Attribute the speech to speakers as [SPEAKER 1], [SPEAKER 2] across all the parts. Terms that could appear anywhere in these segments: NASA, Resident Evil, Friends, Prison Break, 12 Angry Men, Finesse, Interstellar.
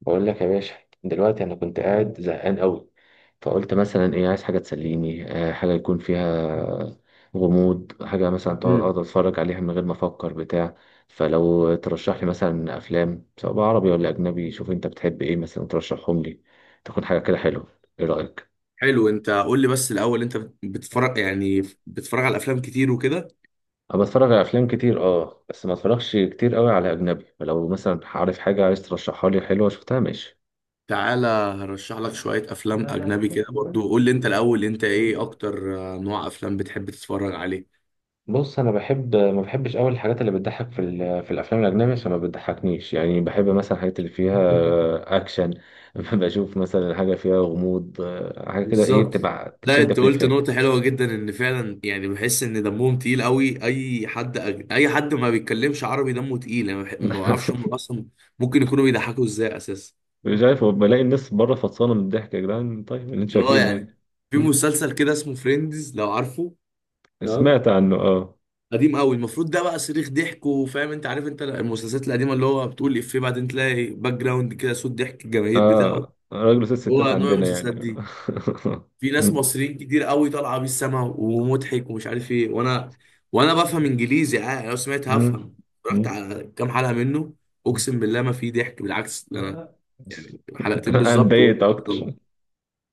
[SPEAKER 1] بقول لك يا باشا. دلوقتي انا كنت قاعد زهقان قوي، فقلت مثلا ايه، عايز حاجه تسليني، حاجه يكون فيها غموض. حاجه مثلا تقعد
[SPEAKER 2] مم.
[SPEAKER 1] اقعد اتفرج عليها من غير ما افكر بتاع. فلو ترشح لي مثلا افلام، سواء بقى عربي ولا اجنبي، شوف انت بتحب ايه مثلا ترشحهم لي. تكون حاجه كده حلوه. ايه رايك؟
[SPEAKER 2] حلو، انت قول لي بس الاول، انت
[SPEAKER 1] آه.
[SPEAKER 2] بتتفرج، يعني بتتفرج على افلام كتير وكده.
[SPEAKER 1] انا بتفرج على افلام كتير، اه، بس ما اتفرجش كتير قوي على اجنبي. فلو مثلا عارف حاجه عايز ترشحها لي حلوه شفتها، ماشي.
[SPEAKER 2] تعالى هرشح لك شوية افلام
[SPEAKER 1] لا لا
[SPEAKER 2] اجنبي كده برضو. قول لي انت الاول، انت ايه
[SPEAKER 1] لا
[SPEAKER 2] اكتر نوع افلام بتحب تتفرج عليه؟
[SPEAKER 1] بص، انا بحب، ما بحبش قوي الحاجات اللي بتضحك في في الافلام الاجنبيه، عشان ما بتضحكنيش يعني. بحب مثلا الحاجات اللي فيها اكشن. بشوف مثلا حاجه فيها غموض، حاجه كده ايه،
[SPEAKER 2] بالظبط.
[SPEAKER 1] تبقى
[SPEAKER 2] لا انت
[SPEAKER 1] تشدك
[SPEAKER 2] قلت
[SPEAKER 1] للفيلم.
[SPEAKER 2] نقطة حلوة جدا، ان فعلا يعني بحس ان دمهم تقيل قوي. اي حد اي حد ما بيتكلمش عربي دمه تقيل. انا ما بعرفش هم اصلا ممكن يكونوا بيضحكوا ازاي اساسا.
[SPEAKER 1] مش عارف، بلاقي الناس بره فطسانه من الضحك يا جدعان، طيب اللي انتوا
[SPEAKER 2] اه
[SPEAKER 1] شايفينه
[SPEAKER 2] يعني
[SPEAKER 1] يعني.
[SPEAKER 2] في
[SPEAKER 1] م?
[SPEAKER 2] مسلسل كده اسمه فريندز، لو عارفه. تمام.
[SPEAKER 1] سمعت عنه، اه.
[SPEAKER 2] قديم قوي المفروض ده، بقى صريخ ضحك. وفاهم انت، عارف انت المسلسلات القديمه اللي هو بتقول افيه بعدين تلاقي باك جراوند كده صوت ضحك الجماهير بتاعه.
[SPEAKER 1] اه، راجل وست ستات
[SPEAKER 2] هو نوع
[SPEAKER 1] عندنا
[SPEAKER 2] المسلسلات
[SPEAKER 1] يعني.
[SPEAKER 2] دي. في ناس
[SPEAKER 1] م.
[SPEAKER 2] مصريين كتير قوي طالعه بيه السما ومضحك ومش عارف ايه، وانا وانا بفهم انجليزي عادي لو سمعت
[SPEAKER 1] م.
[SPEAKER 2] هفهم. رحت
[SPEAKER 1] م.
[SPEAKER 2] على كام حلقه منه، اقسم بالله ما في ضحك. بالعكس ده انا
[SPEAKER 1] لا.
[SPEAKER 2] يعني حلقتين
[SPEAKER 1] انا
[SPEAKER 2] بالظبط
[SPEAKER 1] اتضايقت اكتر.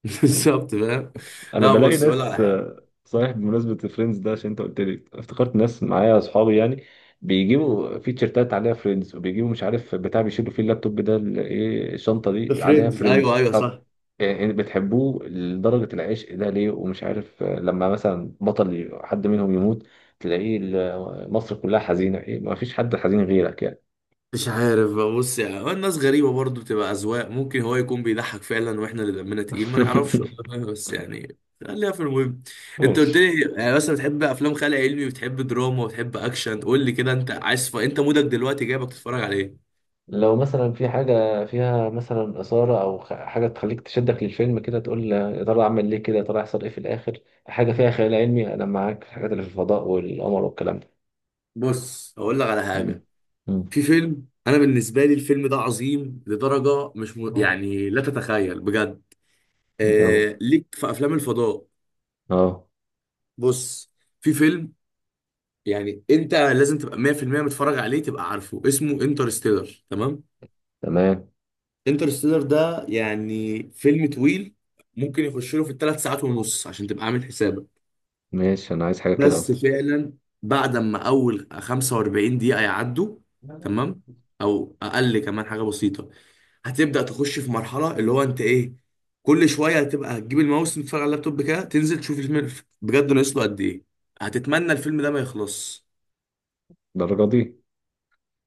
[SPEAKER 2] بالظبط فاهم.
[SPEAKER 1] انا
[SPEAKER 2] لا
[SPEAKER 1] بلاقي
[SPEAKER 2] بص ولا
[SPEAKER 1] ناس،
[SPEAKER 2] على حاجه.
[SPEAKER 1] صحيح بمناسبه فريندز ده، عشان انت قلت لي افتكرت ناس معايا اصحابي يعني، بيجيبوا في تيشيرتات عليها فريندز، وبيجيبوا مش عارف بتاع بيشيلوا فيه اللابتوب ده، ايه الشنطه دي عليها
[SPEAKER 2] فريندز ايوه
[SPEAKER 1] فريندز.
[SPEAKER 2] ايوه
[SPEAKER 1] طب
[SPEAKER 2] صح.
[SPEAKER 1] يعني بتحبوه لدرجه العشق ده ليه؟ ومش عارف لما مثلا بطل حد منهم يموت، تلاقيه مصر كلها حزينه، ايه ما فيش حد حزين غيرك يعني.
[SPEAKER 2] مش عارف بقى، بص يعني هو الناس غريبة برضو، بتبقى أذواق. ممكن هو يكون بيضحك فعلا واحنا اللي دمنا تقيل ما نعرفش والله، بس يعني خليها في المهم. انت قلت
[SPEAKER 1] ماشي.
[SPEAKER 2] لي يعني مثلا بتحب افلام خيال علمي وبتحب دراما وبتحب اكشن. قول لي كده انت عايز انت مودك دلوقتي جايبك تتفرج على ايه؟
[SPEAKER 1] لو مثلا في حاجة فيها مثلا إثارة أو حاجة تخليك تشدك للفيلم كده، تقول يا ترى أعمل ليه كده، يا ترى هيحصل إيه في الآخر. حاجة فيها خيال علمي، أنا معاك في الحاجات اللي في الفضاء والقمر والكلام ده.
[SPEAKER 2] بص هقول لك على
[SPEAKER 1] مم.
[SPEAKER 2] حاجة.
[SPEAKER 1] مم.
[SPEAKER 2] في فيلم، انا بالنسبة لي الفيلم ده عظيم لدرجة مش م...
[SPEAKER 1] اه.
[SPEAKER 2] يعني لا تتخيل بجد.
[SPEAKER 1] يو.
[SPEAKER 2] ليك في افلام الفضاء.
[SPEAKER 1] اه.
[SPEAKER 2] بص، في فيلم يعني انت لازم تبقى 100% متفرج عليه. تبقى عارفه اسمه انترستيلر. تمام.
[SPEAKER 1] تمام.
[SPEAKER 2] انترستيلر ده يعني فيلم طويل. ممكن يخش له في الثلاث ساعات ونص عشان تبقى عامل حسابك.
[SPEAKER 1] ماشي، أنا عايز حاجة كده
[SPEAKER 2] بس
[SPEAKER 1] أصلا.
[SPEAKER 2] فعلا بعد ما اول 45 دقيقة يعدوا، تمام، او اقل كمان حاجة بسيطة، هتبدأ تخش في مرحلة اللي هو انت ايه. كل شوية هتبقى هتجيب الماوس تتفرج على اللابتوب كده، تنزل تشوف الفيلم. بجد ناقص له قد ايه. هتتمنى الفيلم ده ما يخلص.
[SPEAKER 1] الدرجة دي؟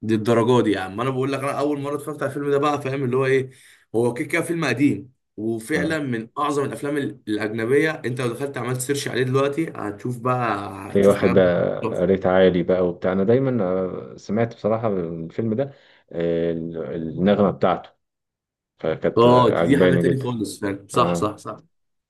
[SPEAKER 2] دي الدرجه دي يا عم. انا بقول لك انا اول مره اتفرجت على الفيلم ده بقى، فاهم اللي هو ايه. هو كده كده فيلم قديم وفعلا
[SPEAKER 1] آه.
[SPEAKER 2] من اعظم الافلام الاجنبيه. انت لو دخلت عملت سيرش عليه دلوقتي هتشوف بقى.
[SPEAKER 1] تلاقيه
[SPEAKER 2] هتشوف
[SPEAKER 1] واخد
[SPEAKER 2] حاجات بقى.
[SPEAKER 1] ريت عالي بقى وبتاع. أنا دايما سمعت بصراحة الفيلم ده، آه، ال- النغمة بتاعته فكانت
[SPEAKER 2] اه دي حاجه
[SPEAKER 1] عجباني
[SPEAKER 2] تاني
[SPEAKER 1] جدا.
[SPEAKER 2] خالص، فعلا صح
[SPEAKER 1] اه،
[SPEAKER 2] صح صح.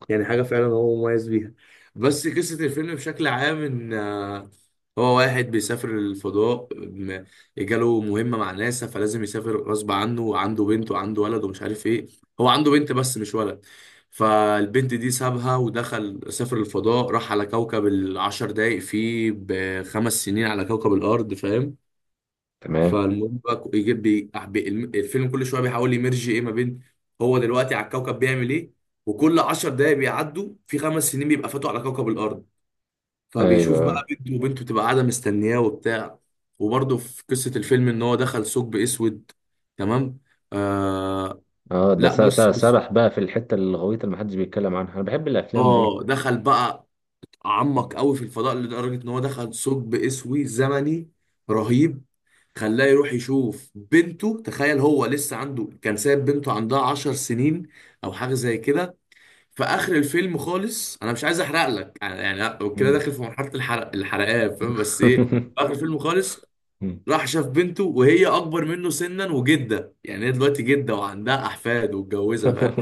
[SPEAKER 2] يعني حاجة فعلا هو مميز بيها. بس قصة الفيلم بشكل عام إن هو واحد بيسافر الفضاء، جاله مهمة مع ناسا فلازم يسافر غصب عنه، وعنده بنت وعنده ولد ومش عارف إيه. هو عنده بنت بس مش ولد. فالبنت دي سابها ودخل سافر الفضاء، راح على كوكب العشر دقايق فيه بخمس سنين على كوكب الأرض، فاهم.
[SPEAKER 1] تمام.
[SPEAKER 2] فالمهم بقى يجيب الفيلم كل شويه بيحاول يمرج ايه ما بين هو دلوقتي على الكوكب بيعمل ايه، وكل 10 دقايق بيعدوا في 5 سنين بيبقى فاتوا على كوكب الارض. فبيشوف بقى
[SPEAKER 1] ايوه.
[SPEAKER 2] بنته، وبنته بتبقى قاعده مستنياه وبتاع. وبرده في قصه الفيلم ان هو دخل ثقب اسود. تمام. آه.
[SPEAKER 1] اه، ده
[SPEAKER 2] لا بص بص.
[SPEAKER 1] سبح بقى في الحته الغويطه اللي محدش بيتكلم عنها، انا بحب الافلام
[SPEAKER 2] اه
[SPEAKER 1] دي.
[SPEAKER 2] دخل بقى عمق
[SPEAKER 1] مم.
[SPEAKER 2] قوي في الفضاء لدرجه ان هو دخل ثقب اسود زمني رهيب، خلاه يروح يشوف بنته. تخيل هو لسه عنده، كان سايب بنته عندها 10 سنين او حاجه زي كده. في اخر الفيلم خالص، انا مش عايز احرق لك يعني. يعني كده
[SPEAKER 1] مم.
[SPEAKER 2] داخل في مرحله الحرق الحرقان فاهم. بس ايه، في اخر الفيلم خالص راح شاف بنته وهي اكبر منه سنا وجده. يعني هي دلوقتي جده وعندها احفاد واتجوزها، فاهم؟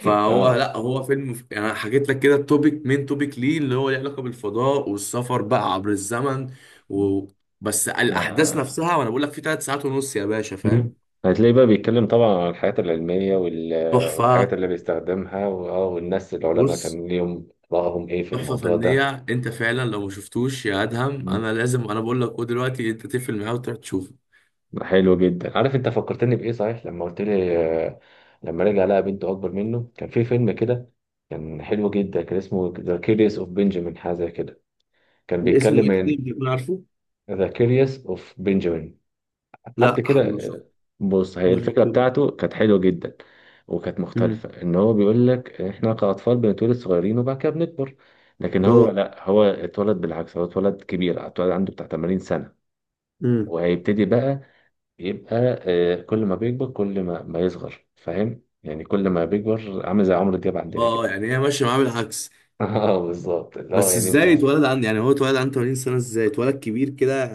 [SPEAKER 2] فهو
[SPEAKER 1] اه.
[SPEAKER 2] لا، هو فيلم يعني. أنا حكيت لك كده التوبيك، مين توبيك ليه اللي هو ليه علاقه بالفضاء والسفر بقى عبر الزمن. و... بس الاحداث
[SPEAKER 1] آه.
[SPEAKER 2] نفسها، وانا بقول لك في 3 ساعات ونص يا باشا، فاهم.
[SPEAKER 1] مم. هتلاقيه بقى بيتكلم طبعا عن الحاجات العلميه والحاجات
[SPEAKER 2] تحفه.
[SPEAKER 1] اللي بيستخدمها، واه، والناس العلماء
[SPEAKER 2] بص،
[SPEAKER 1] كان ليهم رأيهم ايه في
[SPEAKER 2] تحفه
[SPEAKER 1] الموضوع ده.
[SPEAKER 2] فنيه. انت فعلا لو ما شفتوش يا ادهم،
[SPEAKER 1] مم.
[SPEAKER 2] انا لازم انا بقول لك هو دلوقتي انت تقفل معاه وتروح تشوفه.
[SPEAKER 1] حلو جدا. عارف انت فكرتني بايه صحيح لما قلت لي؟ آه، لما رجع لقى بنته اكبر منه، كان في فيلم كده كان حلو جدا، كان اسمه ذا كيريس اوف بنجامين، حاجه زي كده. كان
[SPEAKER 2] اسمه
[SPEAKER 1] بيتكلم
[SPEAKER 2] ايه تاني
[SPEAKER 1] عن
[SPEAKER 2] بتكون عارفه؟
[SPEAKER 1] ذا كيريوس اوف بنجامين، حد
[SPEAKER 2] لا
[SPEAKER 1] كده. بص، هي
[SPEAKER 2] ما
[SPEAKER 1] الفكرة
[SPEAKER 2] شفتوش.
[SPEAKER 1] بتاعته كانت حلوة جدا وكانت
[SPEAKER 2] امم
[SPEAKER 1] مختلفة. ان هو بيقول لك احنا كأطفال بنتولد صغيرين وبعد كده بنكبر، لكن هو
[SPEAKER 2] اه
[SPEAKER 1] لا، هو اتولد بالعكس، هو اتولد كبير، اتولد عنده بتاع 80 سنة،
[SPEAKER 2] امم
[SPEAKER 1] وهيبتدي بقى يبقى كل ما بيكبر كل ما يصغر. فاهم يعني؟ كل ما بيكبر عامل زي عمرو دياب عندنا
[SPEAKER 2] اه
[SPEAKER 1] كده.
[SPEAKER 2] يعني هي ماشيه معاه بالعكس.
[SPEAKER 1] اه بالظبط. لا
[SPEAKER 2] بس
[SPEAKER 1] يعني
[SPEAKER 2] ازاي
[SPEAKER 1] بتحس.
[SPEAKER 2] اتولد عن، يعني هو اتولد عنده 80 سنه ازاي اتولد كبير كده.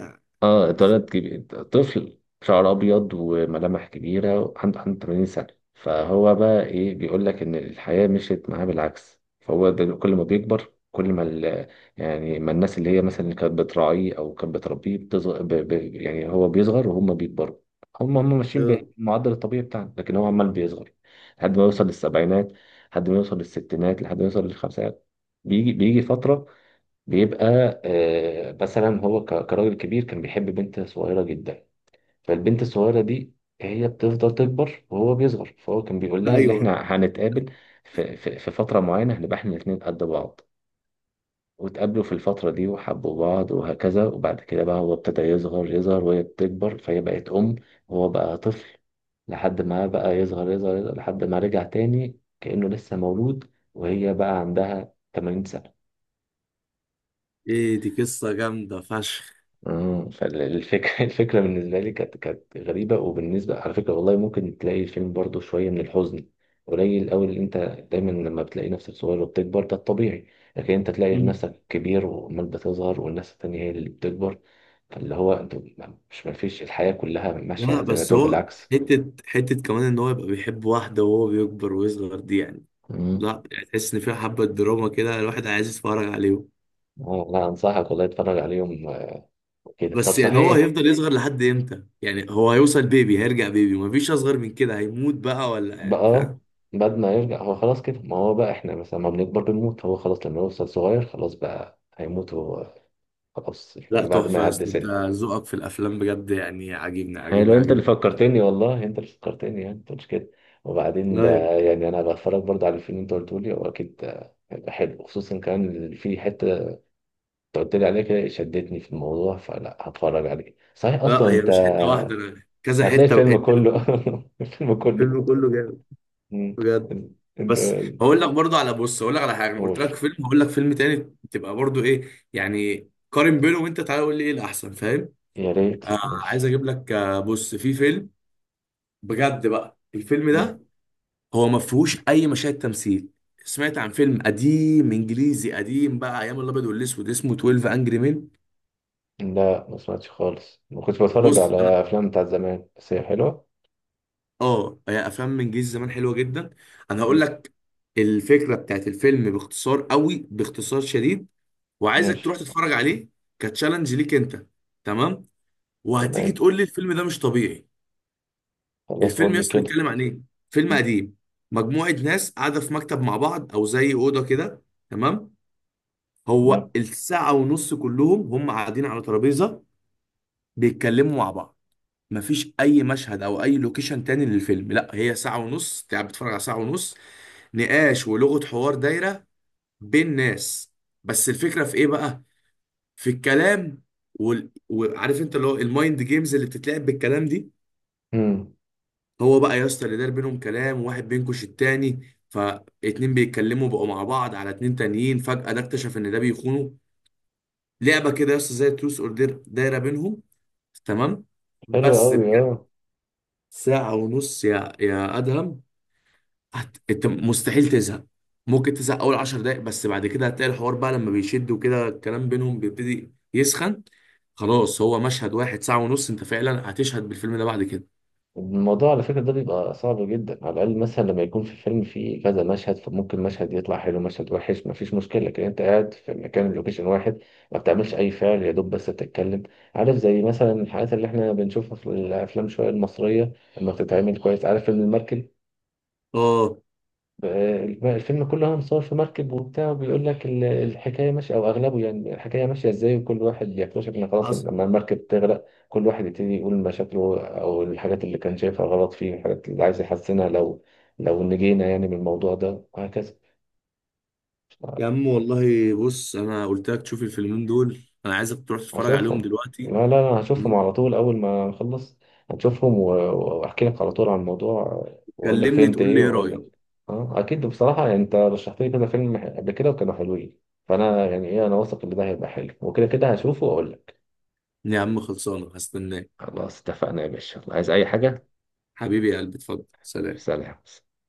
[SPEAKER 1] اه اتولد كبير، طفل شعر ابيض وملامح كبيره، عنده 81 سنه. فهو بقى ايه، بيقول لك ان الحياه مشيت معاه بالعكس. فهو كل ما بيكبر كل ما يعني ما الناس اللي هي مثلا اللي كانت بتراعيه او كانت بتربيه بتصغر، يعني هو بيصغر وهم بيكبروا. هم ماشيين
[SPEAKER 2] لا
[SPEAKER 1] بالمعدل الطبيعي بتاعنا، لكن هو عمال بيصغر، لحد ما يوصل للسبعينات، لحد ما يوصل للستينات، لحد ما يوصل للخمسينات. بيجي فتره بيبقى مثلا هو كراجل كبير كان بيحب بنت صغيرة جدا. فالبنت الصغيرة دي هي بتفضل تكبر وهو بيصغر، فهو كان بيقول لها اللي
[SPEAKER 2] ايوه.
[SPEAKER 1] احنا هنتقابل في فترة معينة هنبقى احنا الاتنين قد بعض. واتقابلوا في الفترة دي وحبوا بعض وهكذا، وبعد كده بقى هو ابتدى يصغر وهي بتكبر، فهي بقت أم وهو بقى طفل، لحد ما بقى يصغر لحد ما رجع تاني كأنه لسه مولود، وهي بقى عندها 80 سنة.
[SPEAKER 2] ايه دي قصه جامده فشخ.
[SPEAKER 1] مم. فالفكرة الفكرة بالنسبة لي كانت كانت غريبة. وبالنسبة على فكرة والله، ممكن تلاقي الفيلم برضو شوية من الحزن، قليل أوي. اللي أنت دايما لما بتلاقي نفسك صغير وبتكبر ده الطبيعي، لكن أنت تلاقي
[SPEAKER 2] مم.
[SPEAKER 1] نفسك كبير وعمال بتظهر والناس التانية هي اللي بتكبر، فاللي هو أنت مش، مفيش، الحياة كلها ماشية
[SPEAKER 2] لا
[SPEAKER 1] زي ما
[SPEAKER 2] بس
[SPEAKER 1] تقول
[SPEAKER 2] هو،
[SPEAKER 1] بالعكس.
[SPEAKER 2] حته حته كمان ان هو يبقى بيحب واحده وهو بيكبر ويصغر دي يعني.
[SPEAKER 1] مم.
[SPEAKER 2] لا يعني تحس ان فيها حبه دراما كده الواحد عايز يتفرج عليهم.
[SPEAKER 1] لا أنصحك والله، اتفرج عليهم كده. طب
[SPEAKER 2] بس يعني هو
[SPEAKER 1] صحيح
[SPEAKER 2] هيفضل يصغر لحد امتى؟ يعني هو هيوصل بيبي، هيرجع بيبي، مفيش اصغر من كده، هيموت بقى ولا إيه؟
[SPEAKER 1] بقى،
[SPEAKER 2] فاهم.
[SPEAKER 1] بعد ما يرجع هو خلاص كده، ما هو بقى احنا مثلا ما بنكبر بنموت. هو خلاص لما يوصل صغير خلاص بقى هيموت هو، خلاص،
[SPEAKER 2] لا
[SPEAKER 1] يعني بعد ما
[SPEAKER 2] تحفه يا
[SPEAKER 1] يعدي
[SPEAKER 2] اسطى، انت
[SPEAKER 1] سن.
[SPEAKER 2] ذوقك في الافلام بجد، يعني عاجبني
[SPEAKER 1] يعني
[SPEAKER 2] عاجبني
[SPEAKER 1] لو انت اللي
[SPEAKER 2] عاجبني.
[SPEAKER 1] فكرتني، والله انت اللي فكرتني، يعني انت مش كده، وبعدين ده
[SPEAKER 2] لا يا-
[SPEAKER 1] يعني انا بتفرج برضه على الفيلم اللي انت قلته لي، هو اكيد هيبقى حلو، خصوصا كمان اللي في حته انت قلت لي عليها كده شدتني في الموضوع، فلا هتفرج عليه صحيح
[SPEAKER 2] لا
[SPEAKER 1] اصلا
[SPEAKER 2] هي
[SPEAKER 1] انت.
[SPEAKER 2] مش حته واحده انا كذا
[SPEAKER 1] هتلاقي
[SPEAKER 2] حته
[SPEAKER 1] الفيلم
[SPEAKER 2] وقت.
[SPEAKER 1] كله، الفيلم كله.
[SPEAKER 2] الفيلم كله جامد
[SPEAKER 1] مم.
[SPEAKER 2] بجد.
[SPEAKER 1] انت
[SPEAKER 2] بس هقول لك برضو على، بص هقول لك على حاجه. انا قلت
[SPEAKER 1] قول،
[SPEAKER 2] لك فيلم، هقول لك فيلم تاني تبقى برضو ايه، يعني قارن بينه وانت تعالى قول لي ايه الاحسن، فاهم.
[SPEAKER 1] يا ريت،
[SPEAKER 2] آه، عايز
[SPEAKER 1] ماشي.
[SPEAKER 2] اجيب لك. آه بص، في فيلم بجد بقى، الفيلم ده هو ما فيهوش اي مشاهد تمثيل. سمعت عن فيلم قديم انجليزي قديم بقى ايام الابيض والاسود اسمه 12 انجري مين؟
[SPEAKER 1] لا ما سمعتش خالص، ما كنتش بتفرج
[SPEAKER 2] بص
[SPEAKER 1] على
[SPEAKER 2] انا،
[SPEAKER 1] افلام بتاعت زمان، بس هي حلوه.
[SPEAKER 2] اه هي افلام انجليزي زمان حلوه جدا. انا هقول
[SPEAKER 1] مم.
[SPEAKER 2] لك الفكره بتاعت الفيلم باختصار قوي باختصار شديد، وعايزك تروح
[SPEAKER 1] ماشي.
[SPEAKER 2] تتفرج عليه. كتشالنج ليك انت. تمام. وهتيجي
[SPEAKER 1] تمام،
[SPEAKER 2] تقول لي الفيلم ده مش طبيعي.
[SPEAKER 1] خلاص
[SPEAKER 2] الفيلم
[SPEAKER 1] قول لي
[SPEAKER 2] يس
[SPEAKER 1] كده.
[SPEAKER 2] بيتكلم عن ايه؟ فيلم
[SPEAKER 1] مم.
[SPEAKER 2] قديم. مجموعة ناس قاعدة في مكتب مع بعض او زي أوضة كده. تمام. هو
[SPEAKER 1] تمام.
[SPEAKER 2] الساعة ونص كلهم هم قاعدين على ترابيزة بيتكلموا مع بعض. مفيش اي مشهد او اي لوكيشن تاني للفيلم. لا هي ساعة ونص انت قاعد بتتفرج على ساعة ونص نقاش ولغة حوار دايرة بين ناس. بس الفكرة في ايه بقى؟ في الكلام وعارف انت اللي هو المايند جيمز اللي بتتلعب بالكلام دي.
[SPEAKER 1] مم.
[SPEAKER 2] هو بقى يا اسطى، اللي دار بينهم كلام وواحد بينكش التاني، فاتنين بيتكلموا بقوا مع بعض على اتنين تانيين، فجأة ده اكتشف ان ده بيخونه. لعبة كده يا اسطى زي تروس اوردر دايرة بينهم. تمام.
[SPEAKER 1] حلو
[SPEAKER 2] بس
[SPEAKER 1] قوي،
[SPEAKER 2] بجد،
[SPEAKER 1] اه.
[SPEAKER 2] ساعة ونص يا ادهم، انت مستحيل تزهق. ممكن تزهق اول 10 دقايق بس بعد كده هتلاقي الحوار بقى لما بيشد وكده الكلام بينهم بيبتدي يسخن. خلاص هو مشهد واحد ساعة ونص، انت فعلا هتشهد بالفيلم ده بعد كده.
[SPEAKER 1] الموضوع على فكره ده بيبقى صعب جدا. على الاقل مثلا لما يكون في الفيلم فيه كذا مشهد، فممكن مشهد يطلع حلو، مشهد وحش، ما فيش مشكله، لكن انت قاعد في مكان لوكيشن واحد، ما بتعملش اي فعل يا دوب بس بتتكلم. عارف زي مثلا الحاجات اللي احنا بنشوفها في الافلام شويه المصريه لما بتتعمل كويس. عارف فيلم المركب؟
[SPEAKER 2] اه
[SPEAKER 1] الفيلم كله مصور في مركب وبتاع، وبيقول لك الحكايه ماشيه، او اغلبه يعني الحكايه ماشيه ازاي، وكل واحد يكتشف ان خلاص
[SPEAKER 2] حصل.
[SPEAKER 1] لما المركب تغرق كل واحد يبتدي يقول مشاكله، او الحاجات اللي كان شايفها غلط فيه، الحاجات اللي عايز يحسنها لو، لو نجينا يعني من الموضوع ده وهكذا.
[SPEAKER 2] يا عم والله. بص، انا قلت لك تشوف الفيلمين دول. انا عايزك تروح تتفرج عليهم
[SPEAKER 1] هشوفهم،
[SPEAKER 2] دلوقتي.
[SPEAKER 1] لا، لا، لا، هشوفهم
[SPEAKER 2] تمام؟
[SPEAKER 1] على طول أول ما أخلص. هشوفهم وأحكي لك على طول عن الموضوع، وأقول لك
[SPEAKER 2] كلمني
[SPEAKER 1] فهمت
[SPEAKER 2] تقول لي
[SPEAKER 1] إيه،
[SPEAKER 2] ايه
[SPEAKER 1] وأقول
[SPEAKER 2] رأيك.
[SPEAKER 1] لك. أه أكيد، بصراحة يعني أنت رشحت لي كذا فيلم قبل كده وكانوا حلوين، فأنا يعني إيه، أنا واثق إن ده هيبقى حلو، وكده كده هشوفه وأقول لك.
[SPEAKER 2] يا عم خلصانة، هستناك.
[SPEAKER 1] خلاص اتفقنا يا باشا. عايز أي حاجة؟
[SPEAKER 2] حبيبي يا قلبي، اتفضل سلام.
[SPEAKER 1] سلام.